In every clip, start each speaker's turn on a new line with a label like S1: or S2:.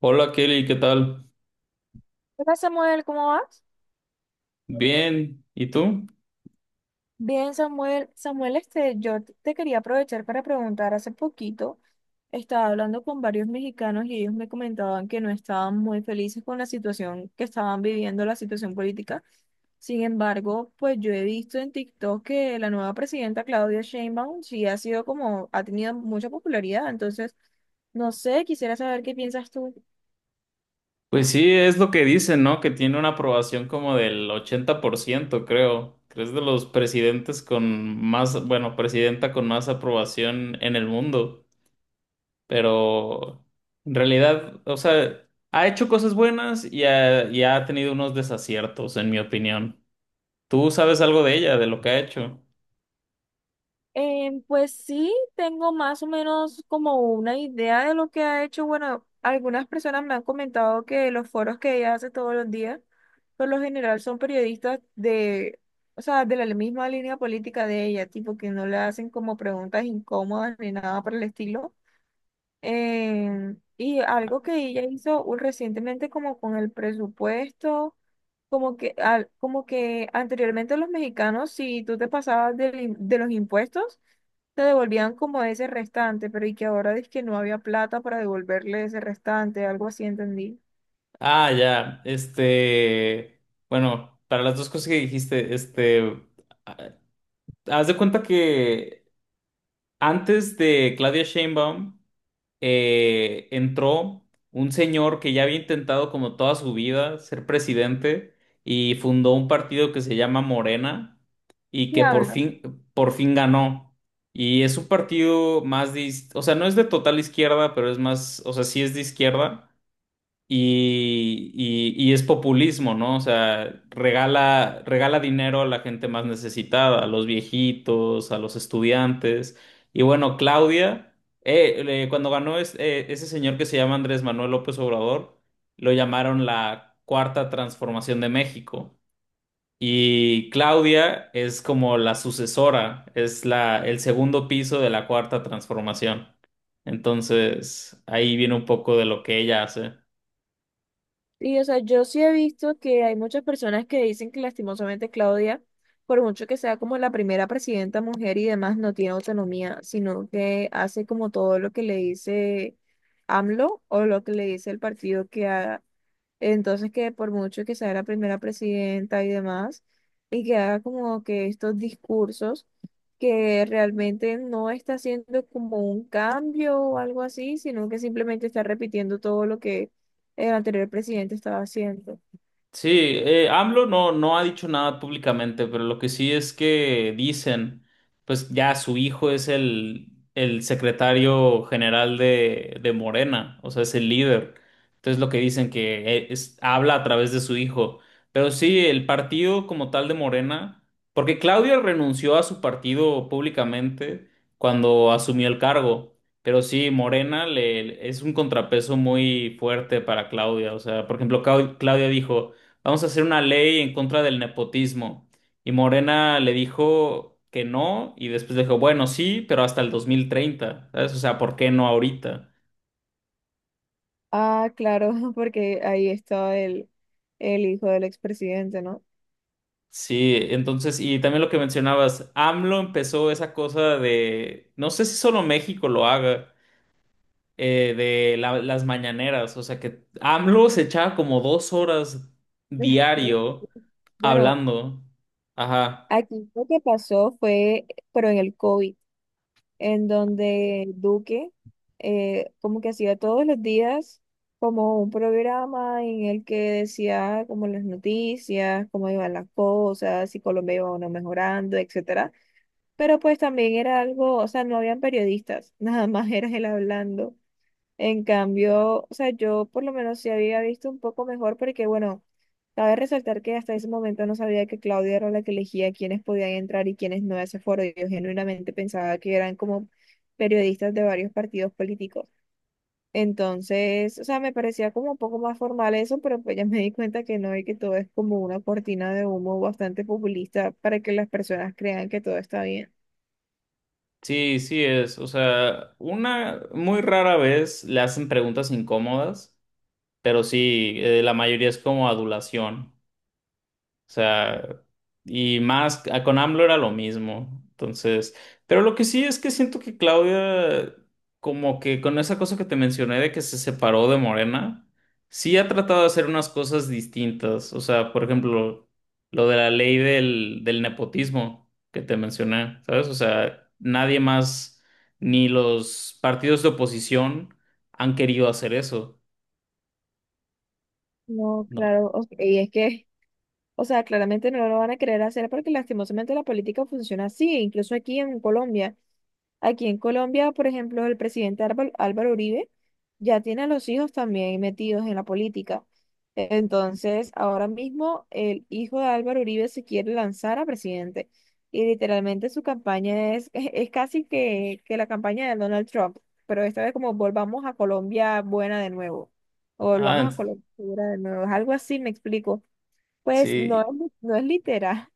S1: Hola Kelly, ¿qué tal?
S2: Hola Samuel, ¿cómo vas?
S1: Bien, ¿y tú?
S2: Bien, Samuel. Samuel, yo te quería aprovechar para preguntar. Hace poquito estaba hablando con varios mexicanos y ellos me comentaban que no estaban muy felices con la situación que estaban viviendo, la situación política. Sin embargo, pues yo he visto en TikTok que la nueva presidenta Claudia Sheinbaum sí ha sido como, ha tenido mucha popularidad. Entonces, no sé, quisiera saber qué piensas tú.
S1: Pues sí, es lo que dicen, ¿no? Que tiene una aprobación como del 80%, creo. Que es de los presidentes con más, bueno, presidenta con más aprobación en el mundo. Pero en realidad, o sea, ha hecho cosas buenas y ha tenido unos desaciertos, en mi opinión. ¿Tú sabes algo de ella, de lo que ha hecho?
S2: Pues sí, tengo más o menos como una idea de lo que ha hecho. Bueno, algunas personas me han comentado que los foros que ella hace todos los días, por lo general son periodistas de, o sea, de la misma línea política de ella, tipo que no le hacen como preguntas incómodas ni nada por el estilo, y algo que ella hizo recientemente como con el presupuesto, como que anteriormente los mexicanos, si tú te pasabas de los impuestos, te devolvían como ese restante, pero y que ahora dice que no había plata para devolverle ese restante, algo así entendí.
S1: Ah, ya, este, bueno, para las dos cosas que dijiste, este. Haz de cuenta que antes de Claudia Sheinbaum entró un señor que ya había intentado como toda su vida ser presidente y fundó un partido que se llama Morena y
S2: ¿Qué
S1: que por
S2: habla?
S1: fin, por fin ganó. Y es un partido más de, o sea, no es de total izquierda, pero es más, o sea, sí es de izquierda y es populismo, ¿no? O sea, regala dinero a la gente más necesitada, a los viejitos, a los estudiantes. Y bueno, Claudia, cuando ganó ese señor que se llama Andrés Manuel López Obrador, lo llamaron la Cuarta Transformación de México. Y Claudia es como la sucesora, es la, el segundo piso de la Cuarta Transformación. Entonces, ahí viene un poco de lo que ella hace.
S2: Y, o sea, yo sí he visto que hay muchas personas que dicen que lastimosamente Claudia, por mucho que sea como la primera presidenta mujer y demás, no tiene autonomía, sino que hace como todo lo que le dice AMLO o lo que le dice el partido que haga, entonces, que por mucho que sea la primera presidenta y demás, y que haga como que estos discursos, que realmente no está haciendo como un cambio o algo así, sino que simplemente está repitiendo todo lo que el anterior presidente estaba haciendo.
S1: Sí, AMLO no ha dicho nada públicamente, pero lo que sí es que dicen, pues ya su hijo es el secretario general de Morena, o sea, es el líder. Entonces lo que dicen que habla a través de su hijo. Pero sí, el partido como tal de Morena, porque Claudia renunció a su partido públicamente cuando asumió el cargo. Pero sí, Morena es un contrapeso muy fuerte para Claudia. O sea, por ejemplo, Claudia dijo vamos a hacer una ley en contra del nepotismo. Y Morena le dijo que no, y después le dijo, bueno, sí, pero hasta el 2030, ¿sabes? O sea, ¿por qué no ahorita?
S2: Ah, claro, porque ahí estaba el hijo del expresidente, ¿no?
S1: Sí, entonces, y también lo que mencionabas, AMLO empezó esa cosa de, no sé si solo México lo haga, las mañaneras, o sea que AMLO se echaba como 2 horas diario
S2: Bueno,
S1: hablando. Ajá.
S2: aquí lo que pasó fue, pero en el COVID, en donde Duque como que hacía todos los días como un programa en el que decía como las noticias, cómo iban las cosas, si Colombia iba o no mejorando, etcétera. Pero pues también era algo, o sea, no habían periodistas, nada más era él hablando. En cambio, o sea, yo por lo menos sí había visto un poco mejor porque, bueno, cabe resaltar que hasta ese momento no sabía que Claudia era la que elegía quiénes podían entrar y quiénes no a ese foro. Yo genuinamente pensaba que eran como periodistas de varios partidos políticos. Entonces, o sea, me parecía como un poco más formal eso, pero pues ya me di cuenta que no y que todo es como una cortina de humo bastante populista para que las personas crean que todo está bien.
S1: Sí, sí es. O sea, una muy rara vez le hacen preguntas incómodas, pero sí, la mayoría es como adulación. O sea, y más con AMLO era lo mismo. Entonces, pero lo que sí es que siento que Claudia, como que con esa cosa que te mencioné de que se separó de Morena, sí ha tratado de hacer unas cosas distintas. O sea, por ejemplo, lo de la ley del nepotismo que te mencioné, ¿sabes? O sea, nadie más, ni los partidos de oposición han querido hacer eso.
S2: No,
S1: No.
S2: claro, ok, y es que... O sea, claramente no lo van a querer hacer porque lastimosamente la política funciona así, incluso aquí en Colombia. Aquí en Colombia, por ejemplo, el presidente Álvaro, Álvaro Uribe ya tiene a los hijos también metidos en la política. Entonces, ahora mismo el hijo de Álvaro Uribe se quiere lanzar a presidente y literalmente su campaña es casi que la campaña de Donald Trump, pero esta vez como volvamos a Colombia buena de nuevo, o volvamos
S1: Ah,
S2: a Colombia segura de nuevo, es algo así, me explico. Pues no,
S1: sí.
S2: no es literal,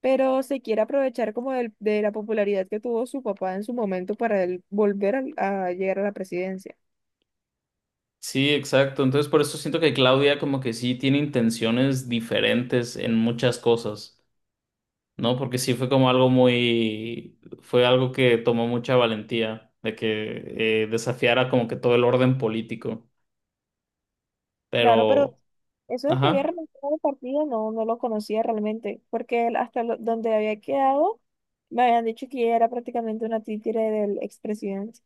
S2: pero se quiere aprovechar como de la popularidad que tuvo su papá en su momento para él llegar a la presidencia.
S1: Sí, exacto. Entonces por eso siento que Claudia como que sí tiene intenciones diferentes en muchas cosas, ¿no? Porque sí fue como algo muy, fue algo que tomó mucha valentía de que desafiara como que todo el orden político.
S2: Claro, pero
S1: Pero,
S2: eso de que había
S1: ajá.
S2: renunciado al partido no lo conocía realmente, porque él hasta donde había quedado me habían dicho que ella era prácticamente una títere del expresidente.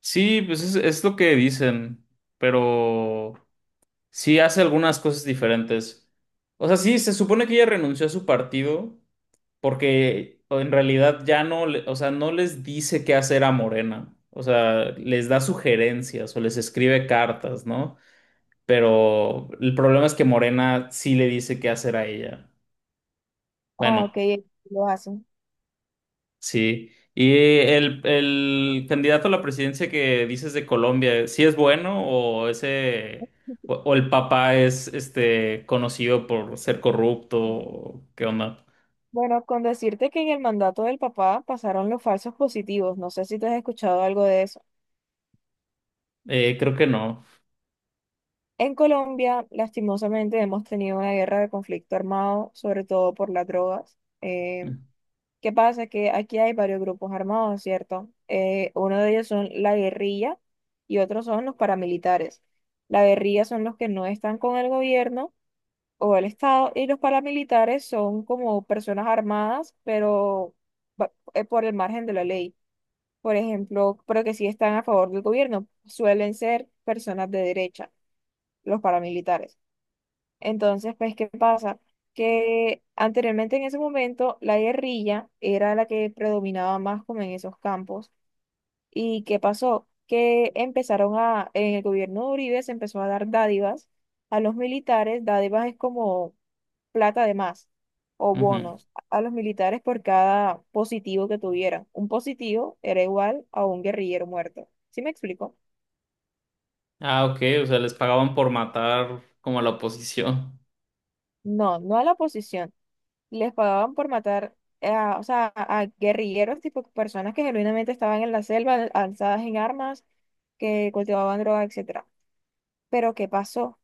S1: Sí, pues es lo que dicen, pero. Sí, hace algunas cosas diferentes. O sea, sí, se supone que ella renunció a su partido porque en realidad ya no, o sea, no les dice qué hacer a Morena. O sea, les da sugerencias o les escribe cartas, ¿no? Pero el problema es que Morena sí le dice qué hacer a ella.
S2: Ah,
S1: Bueno.
S2: ok, lo hacen.
S1: Sí. Y el candidato a la presidencia que dices de Colombia, ¿sí es bueno o ese o el papá es este conocido por ser corrupto? O ¿qué onda?
S2: Bueno, con decirte que en el mandato del papá pasaron los falsos positivos, no sé si tú has escuchado algo de eso.
S1: Creo que no.
S2: En Colombia, lastimosamente, hemos tenido una guerra de conflicto armado, sobre todo por las drogas. ¿Qué pasa? Que aquí hay varios grupos armados, ¿cierto? Uno de ellos son la guerrilla y otros son los paramilitares. La guerrilla son los que no están con el gobierno o el Estado y los paramilitares son como personas armadas, pero por el margen de la ley. Por ejemplo, pero que sí están a favor del gobierno, suelen ser personas de derecha, los paramilitares. Entonces, pues, ¿qué pasa? Que anteriormente en ese momento la guerrilla era la que predominaba más como en esos campos. ¿Y qué pasó? Que empezaron a, en el gobierno de Uribe se empezó a dar dádivas a los militares. Dádivas es como plata de más o
S1: Ujú.
S2: bonos a los militares por cada positivo que tuvieran. Un positivo era igual a un guerrillero muerto. ¿Sí me explico?
S1: Ah, ok, o sea, les pagaban por matar como a la oposición.
S2: No, no a la oposición les pagaban por matar a, o sea, a guerrilleros, tipo personas que genuinamente estaban en la selva, alzadas en armas, que cultivaban droga, etcétera. Pero ¿qué pasó?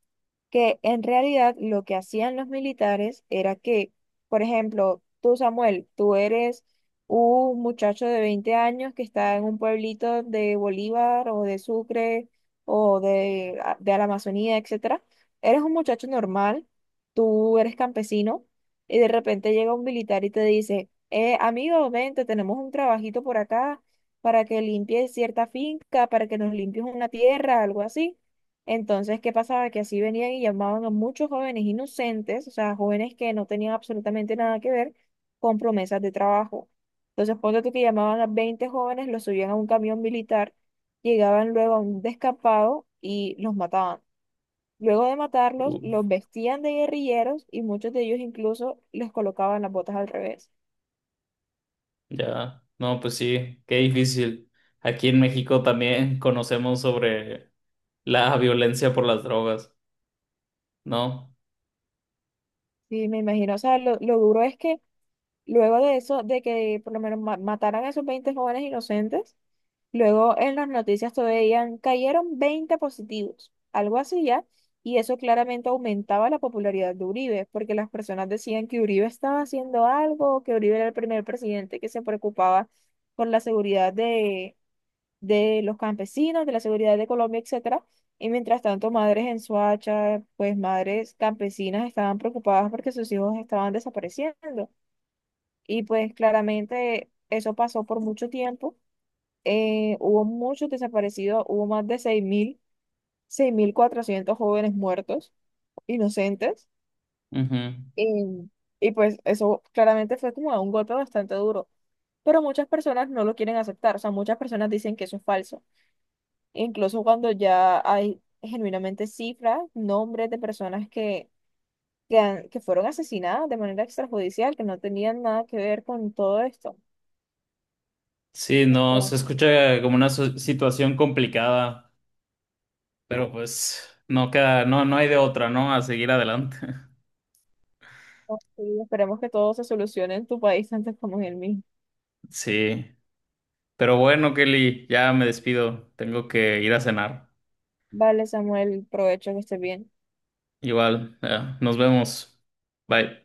S2: Que en realidad lo que hacían los militares era que, por ejemplo, tú Samuel, tú eres un muchacho de 20 años que está en un pueblito de Bolívar o de Sucre o de la Amazonía, etcétera. Eres un muchacho normal, tú eres campesino y de repente llega un militar y te dice, amigo, vente, tenemos un trabajito por acá para que limpies cierta finca, para que nos limpies una tierra, algo así. Entonces, ¿qué pasaba? Que así venían y llamaban a muchos jóvenes inocentes, o sea, jóvenes que no tenían absolutamente nada que ver con promesas de trabajo. Entonces, ponte tú que llamaban a 20 jóvenes, los subían a un camión militar, llegaban luego a un descampado y los mataban. Luego de matarlos, los
S1: Uf,
S2: vestían de guerrilleros y muchos de ellos incluso les colocaban las botas al revés.
S1: ya. No, pues sí, qué difícil. Aquí en México también conocemos sobre la violencia por las drogas, ¿no?
S2: Sí, me imagino, o sea, lo duro es que luego de eso, de que por lo menos mataran a esos 20 jóvenes inocentes, luego en las noticias todavía cayeron 20 positivos, algo así ya, y eso claramente aumentaba la popularidad de Uribe, porque las personas decían que Uribe estaba haciendo algo, que Uribe era el primer presidente que se preocupaba por la seguridad de, los campesinos, de la seguridad de Colombia, etcétera. Y mientras tanto, madres en Soacha, pues madres campesinas estaban preocupadas porque sus hijos estaban desapareciendo. Y pues claramente eso pasó por mucho tiempo, hubo muchos desaparecidos, hubo más de seis mil cuatrocientos jóvenes muertos, inocentes,
S1: Ujú.
S2: y, y pues eso claramente fue como un golpe bastante duro, pero muchas personas no lo quieren aceptar, o sea, muchas personas dicen que eso es falso, incluso cuando ya hay genuinamente cifras, nombres de personas que fueron asesinadas de manera extrajudicial, que no tenían nada que ver con todo esto.
S1: Sí, no, se
S2: Entonces,
S1: escucha como una situación complicada, pero pues no queda, no hay de otra, ¿no? A seguir adelante.
S2: sí, esperemos que todo se solucione en tu país antes como en el mío.
S1: Sí, pero bueno, Kelly, ya me despido, tengo que ir a cenar.
S2: Vale, Samuel, provecho que estés bien.
S1: Igual, ya, nos vemos. Bye.